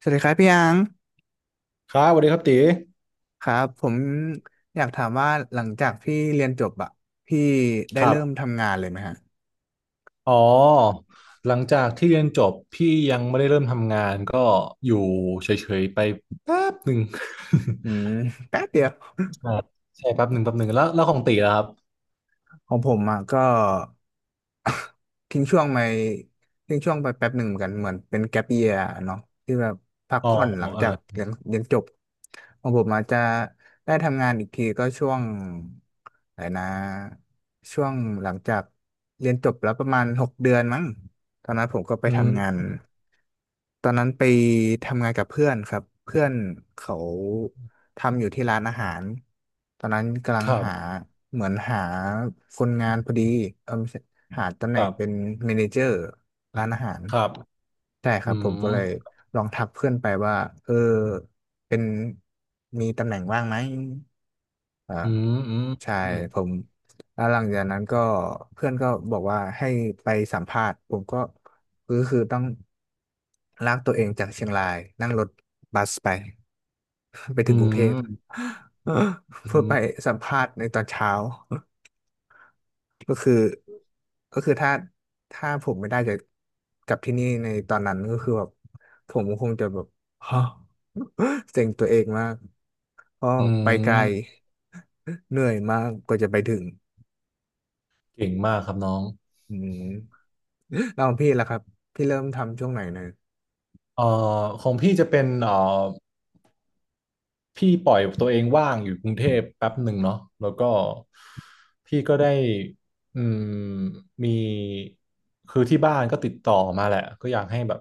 สวัสดีครับพี่อังครับสวัสดีครับตีครับผมอยากถามว่าหลังจากพี่เรียนจบอะพี่ได้ครัเริ่มบทำงานเลยไหมฮะอ๋อหลังจากที่เรียนจบพี่ยังไม่ได้เริ่มทำงานก็อยู่เฉยๆไปแป๊บหนึ่ง อืมแป๊บเดียว ใช่ ใช่แป๊บหนึ่งแป๊บหนึ่งแล้วของตีล่ะครับของผมอะก็ ทิ้งช่วงไปทิ้งช่วงไปแป๊บหนึ่งเหมือนกันเหมือนเป็นแก๊ปเยียเนาะที่แบบพักอ๋อผ่อนหลังเอจากอเรียนจบของผมอาจจะได้ทำงานอีกทีก็ช่วงอะไรนะช่วงหลังจากเรียนจบแล้วประมาณ6 เดือนมั้งตอนนั้นผมก็ไปอืทำงานมตอนนั้นไปทำงานกับเพื่อนครับเพื่อนเขา ทำอยู่ที่ร้านอาหารตอนนั้นกำลัคงรัหาบเหมือนหาคนงานพอดีเออไม่ใช่หาตำแหคน่งรัเป็นบเมเนเจอร์ร้านอาหารครับใช่คอืรับผมก็มเลยลองทักเพื่อนไปว่าเออเป็นมีตำแหน่งว่างไหม อ่าอืมอืมใช่ผมแล้วหลังจากนั้นก็เพื่อนก็บอกว่าให้ไปสัมภาษณ์ผมก็คือต้องลากตัวเองจากเชียงรายนั่งรถบัสไป ไปอืถึงกรุงเทพ ม เพื่ออืไปมสัมภาษณ์ในตอนเช้า ก็คือก็คือถ้าผมไม่ได้จะกลับที่นี่ในตอนนั้นก็คือแบบผมคงจะแบบ ฮะเซ็งตัวเองมาก ก็อืมไปไกอืล ม เหนื่อยมากกว่าจะไปถึงเก่งมากครับน้องอืมแล้วของพี่ล่ะครับพี่เริ่มทำช่วงไหนนะเอ่อของพี่จะเป็นพี่ปล่อยตัวเองว่างอยู่กรุงเทพแป๊บหนึ่งเนาะแล้วก็พี่ก็ได้อืมมีคือที่บ้านก็ติดต่อมาแหละก็อยากให้แบบ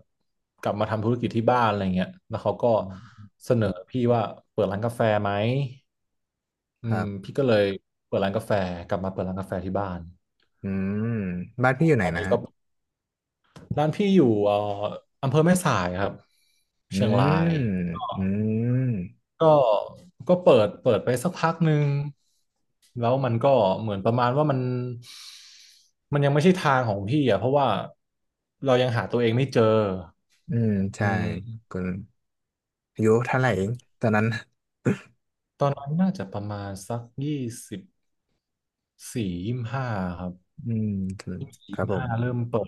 กลับมาทำธุรกิจที่บ้านอะไรเงี้ยแล้วเขาก็อืมเสนอพี่ว่าเปิดร้านกาแฟไหมอืครัมบพี่ก็เลยเปิดร้านกาแฟกลับมาเปิดร้านกาแฟที่บ้านอืมบ้านพี่อยู่ไหตนอนนะนี้ฮะก็ร้านพี่อยู่อำเภอแม่สายครับอืเชียงราย มอืมก็ก็เปิดไปสักพักหนึ่งแล้วมันก็เหมือนประมาณว่ามันยังไม่ใช่ทางของพี่อ่ะเพราะว่าเรายังหาตัวเองไม่เจออืมอืใช่มก็อายุเท่าไหร่เองตอนนั้นตอนนั้นน่าจะประมาณสัก24 25ครับอืมยี่สบสี่คยี่รับสิบผมห้าเริ่มเปิด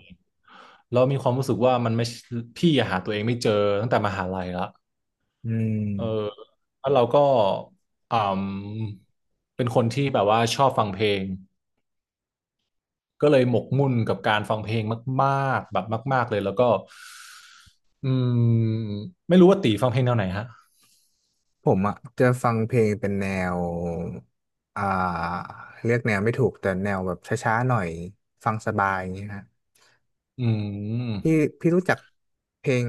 แล้วมีความรู้สึกว่ามันไม่ใช่พี่อะหาตัวเองไม่เจอตั้งแต่มหาลัยละอืมเออแล้วเราก็อืมเป็นคนที่แบบว่าชอบฟังเพลง ก็เลยหมกมุ่นกับการฟังเพลงมากๆแบบมากๆเลยแล้วก็อืมไม่รู้ว่าตีฟังเพลงแนวไหนฮะผมอ่ะจะฟังเพลงเป็นแนวอ่าเรียกแนวไม่ถูกแต่แนวแบบช้าๆหน่อยฟังสบายอย่างเงี้ยฮะ อืพี่มพี่รู้จักเพลง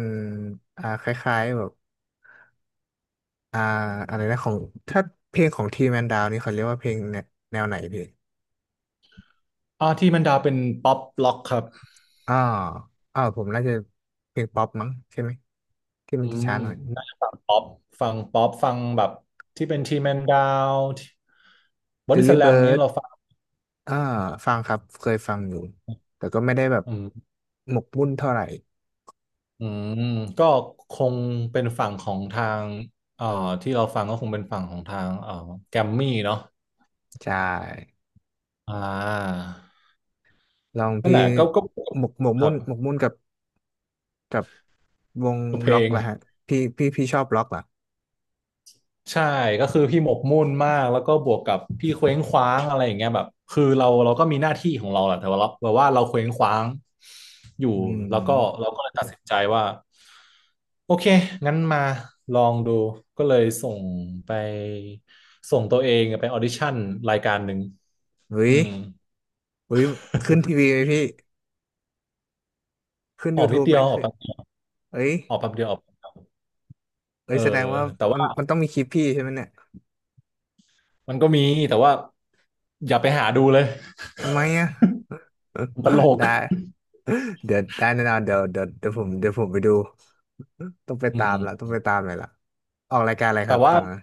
คล้ายๆแบบอ่าอะไรนะของถ้าเพลงของทีแมนดาวนี่เขาเรียกว่าเพลงแนวแนวไหนพี่ที่มันดาวเป็นป๊อปล็อกครับอ่อผมน่าจะเพลงป๊อปมั้งใช่ไหมที่มัอืนจะช้ามหน่อย น่าจะฟังป๊อปฟังป๊อปฟังแบบที่เป็นทีแมนดาวบอดี้ส Delly แลมนี้ Bird เราฟังอ่าฟังครับเคยฟังอยู่แต่ก็ไม่ได้แบบอืมหมกมุ่นเท่าไหร่อืมก็คงเป็นฝั่งของทางเอ่อที่เราฟังก็คงเป็นฝั่งของทางแกมมี่เนาะใช่อ่าลองนั่นพี่แหละก็ก็หมกครัมุ่นบหมกมุ่นกับวงเพลล็อกง ละฮะพี่ชอบล็อกเหรอใช่ก็คือพี่หมกมุ่นมากแล้วก็บวกกับพี่เคว้งคว้างอะไรอย่างเงี้ยแบบคือเราก็มีหน้าที่ของเราแหละแต่ว่าเราแบบว่าเราเคว้งคว้างอยู่อืแล้วก็มเราก็เลยตัดสินใจว่าโอเคงั้นมาลองดูก็เลยส่งไปส่งตัวเองไปออดิชั่นรายการหนึ่งเฮ้อืย มอุ้ยขึ้นทีวีไหมพี่ขึ้น ออกนิด YouTube เดีไหมยวออกขึ้นแป๊บเดียวเอ้ยออกแป๊บเดียวออกเอ้เอยอแสดงว่าแต่มันว่ามันต้องมีคลิปพี่ใช่ไหมเนี่ยมันก็มีแต่ว่าอย่าไปหาดูเลย ทำไมอ่ะ มันตล กได้ เดี๋ยวได้แน่นอนเดี๋ยวผมไปดูอืมต้องไปตามเลอยละออกรายการอะไรคแต่รับตว่า อนนั้น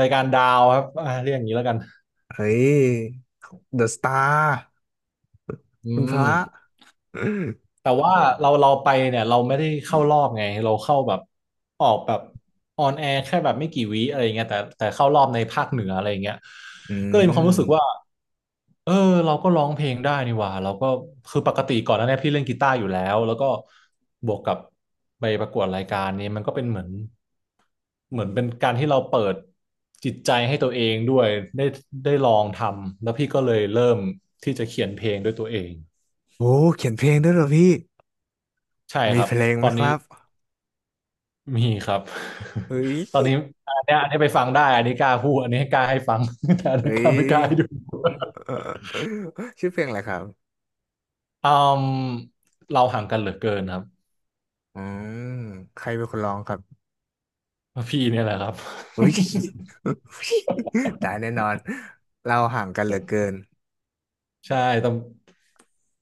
รายการดาวครับเรียกอย่างนี้แล้วกันเฮ้ย The Star อืคุณพมระ แต่ว่าเราไปเนี่ยเราไม่ได้เข้ารอบไงเราเข้าแบบออกแบบออนแอร์แค่แบบไม่กี่วิอะไรเงี้ยแต่เข้ารอบในภาคเหนืออะไรเงี้ย อืก็เลยมีความรู้มสึกว่าเออเราก็ร้องเพลงได้นี่หว่าเราก็คือปกติก่อนหน้าเนี้พี่เล่นกีตาร์อยู่แล้วแล้วก็บวกกับไปประกวดรายการนี้มันก็เป็นเหมือนเหมือนเป็นการที่เราเปิดจิตใจให้ตัวเองด้วยได้ได้ลองทำแล้วพี่ก็เลยเริ่มที่จะเขียนเพลงด้วยตัวเอง โอ้เขียนเพลงด้วยเหรอพี่ใช่คมีรับเพลงตไหอมนคนี้รับมีครับ เฮ้ย ตอนนี้อันเนี้ยอันนี้ไปฟังได้อันนี้กล้าพูดอันนี้ให้กล้าให้ฟัง แต่อันเฮ้นี้กย ล้าไม่กล้าให้ดู เออชื่อเพลงอะไรครับ อืมเราห่างกันเหลือเกินครับอืมใครเป็นคนร้องครับ พี่เนี่ยแหละครับ อุ้ย ตายแน่นอนเราห่างกันเหลือเกิน ใช่แต่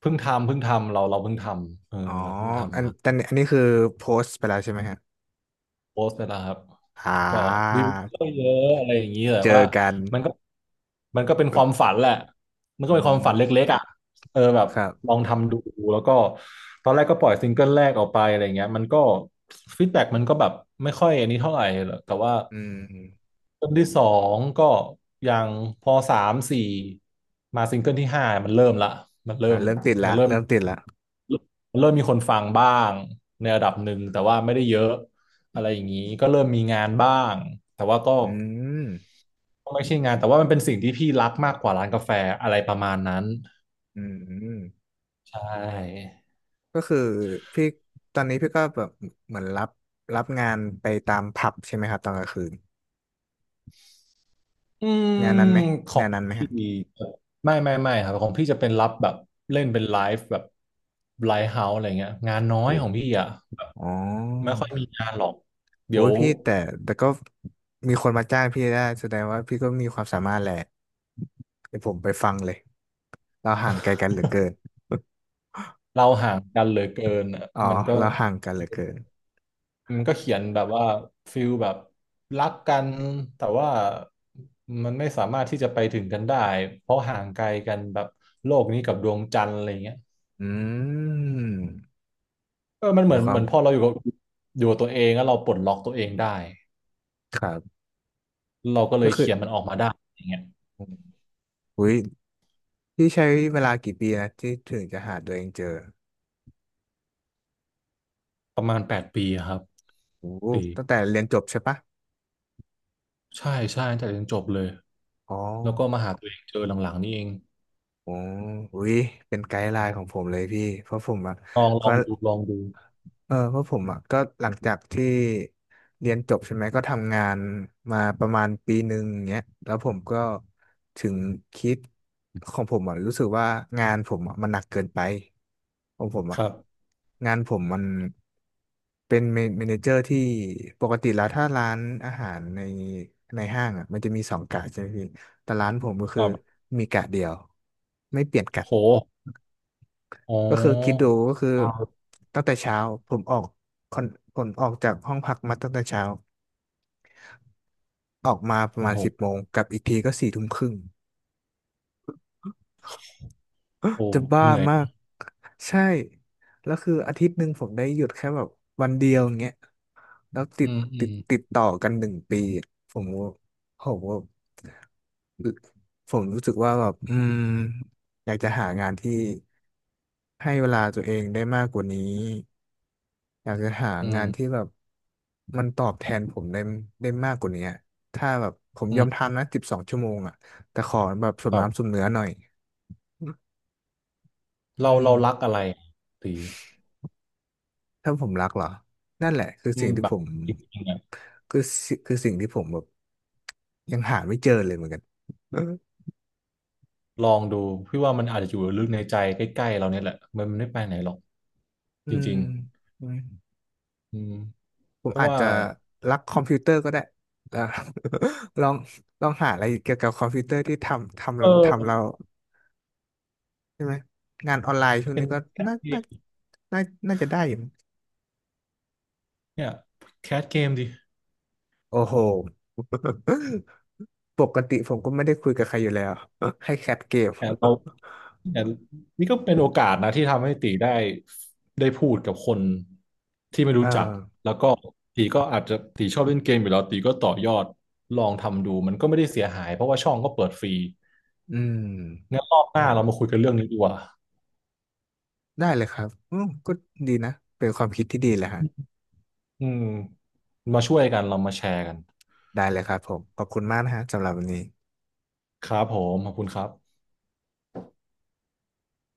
เพิ่งทำเราเพิ่งทำเออ๋ออเราเพิ่งอันทำมา อันอันนี้คือโพสต์ไปแล้วใช่ไหมฮะโพสต์ไปแล้วครับอ่าก็วิวก็เยอะอะไรอย่างนี้แต่เจอว่ากันมันก็มันก็เป็นความฝันแหละมันอืก็เป็นความมฝันเล็กๆอ่ะเออแบบครัลบองทำดูแล้วก็ตอนแรกก็ปล่อยซิงเกิลแรกออกไปอะไรเงี้ยมันก็ฟีดแบ็กมันก็แบบไม่ค่อยอันนี้เท่าไหร่หรอกแต่ว่าอืมซิงเกิลที่สองก็ยังพอสามสี่มาซิงเกิลที่ห้ามันเริ่มละมันเริ่อ่ามมันเริ่มเริ่มติดละเริ่มมีคนฟังบ้างในระดับหนึ่งแต่ว่าไม่ได้เยอะ อะไรอย่างนี้ก็เริ่มมีงานบ้างแต่ว่าก็อืมไม่ใช่งานแต่ว่ามันเป็นสิ่งที่พี่รักมากกว่าร้านกาแฟอะไรประมาณนั้นอืมอืมใช่ก็คือพี่ตอนนี้พี่ก็แบบเหมือนรับงานไปตามผับใช่ไหมครับตอนกลางคืนอืมงานนั้นไหมของางนนั้นไหมพี่ฮะไม่ไม่ไม่ครับของพี่จะเป็นรับแบบเล่นเป็นไลฟ์แบบไลฟ์เฮาส์อะไรเงี้ยงานน้อยโอ้ของพี่อ่ะแบบอ๋อ ไม่ค่อยมีงานหรอกโอ้เดี๋ยยวพี่แต่ก็มีคนมาจ้างพี่ได้แสดงว่าพี่ก็มีความสามารถแหละเดี๋ยวผมไปฟังเลยเราห่างไกลกันเหลือเกินเราห่างกันเหลือเกินอะอ๋อมันก็ เราห่างกันเหลือเกินมันก็เขียนแบบว่าฟิลแบบรักกันแต่ว่ามันไม่สามารถที่จะไปถึงกันได้เพราะห่างไกลกันแบบโลกนี้กับดวงจันทร์อะไรเงี้ยอืมเออมันเหมีมือนควาเหมมือนพอเราอยู่กับอยู่กับตัวเองแล้วเราปลดล็อกตัวเองได้ครับเราก็เลก็ยคือเขียนมันออกมาได้อย่างเงี้ยอุ้ยพี่ใช้เวลากี่ปีนะที่ถึงจะหาตัวเองเจอประมาณ8 ปีอะครับโอ้โหปีตั้งแต่เรียนจบใช่ปะใช่ใช่ตั้งแต่เรียนจบเลยอ๋อแล้วก็มาหาตัวเองเจอหลังๆนี่เองโอ้อุ้ยเป็นไกด์ไลน์ของผมเลยพี่เพราะผมอะลองลก็ องดูลองดูเออเพราะผมอ่ะก็หลังจากที่เรียนจบใช่ไหมก็ทำงานมาประมาณ1 ปีเงี้ยแล้วผมก็ถึงคิดของผมอ่ะรู้สึกว่างานผมอ่ะมันหนักเกินไปของผมคอ่ะรับงานผมมันเป็นเมนเจอร์ที่ปกติแล้วถ้าร้านอาหารในห้างอ่ะมันจะมี2 กะใช่ไหมพี่แต่ร้านผมก็คคือรับมีกะเดียวไม่เปลี่ยนกะ โหอ๋อก็คือคิดดูก็คือตั้งแต่เช้าผมออกคอนผมออกจากห้องพักมาตั้งแต่เช้าออกมาประโอ้มาณโห10 โมงกลับอีกทีก็4 ทุ่มครึ่ง โอ้ จะบ้าเหนื่อย มากใช่แล้วคืออาทิตย์หนึ่งผมได้หยุดแค่แบบวันเดียวอย่างเงี้ยแล้วอืมอืมติดต่อกัน1 ปีอะผมผมรู้สึกว่าแบบอยากจะหางานที่ให้เวลาตัวเองได้มากกว่านี้ อยากจะหาอืมงานที่แบบมันตอบแทนผมได้มากกว่านี้อะถ้าแบบผมอืยอมมทำนะ12 ชั่วโมงอ่ะแต่ขอแบบสมแบบน้ำสมเนื้อหน่อยอืเรามเรารักอะไรตีถ้าผมรักเหรอ นั่นแหละคืออืสิ่มงที่แบบผมจริงๆอะคือสิ่งที่ผมแบบยังหาไม่เจอเลยเหมือนกันลองดูพี่ว่ามันอาจจะอยู่ลึกในใจใกล้ๆเราเนี่ยแหละมันไม่ไปไหนหรอกอืจมริงอืมๆอืมผเพมราะอาจว่าจะรักคอมพิวเตอร์ก็ได้แล้ว ลองลองหาอะไรเกี่ยวกับคอมพิวเตอร์ที่ทำทเอำทำเรา อใช่ไหมงานออนไลน์ช่วงเป็นนี้ก็แคสน่าเกน่ามน่าน่าจะได้อยู่มั้งเนี่ยแคสเกมดิโอ้โหปกติผมก็ไม่ได้คุยกับใครอยู่แล้ว ให้แคปเกม แต่เรา เนี่ยนี่ก็เป็นโอกาสนะที่ทำให้ตีได้ได้พูดกับคน ที่ไม่เอรู้อจักแล้วก็ตีก็อาจจะตีชอบเล่นเกมอยู่แล้วตีก็ต่อยอดลองทำดูมันก็ไม่ได้เสียหายเพราะว่าช่องก็เปิดฟรีอืมงั้นรอบหน้าเรามาคุยกันเรื่องนี้ดีกว่าได้เลยครับอืมก็ดีนะเป็นความคิดที่ดีเลยฮะอืมมาช่วยกันเรามาแชร์กันได้เลยครับผมขอบคุณมากนะฮะสำหรับวันนี้ครับผมขอบคุณครับ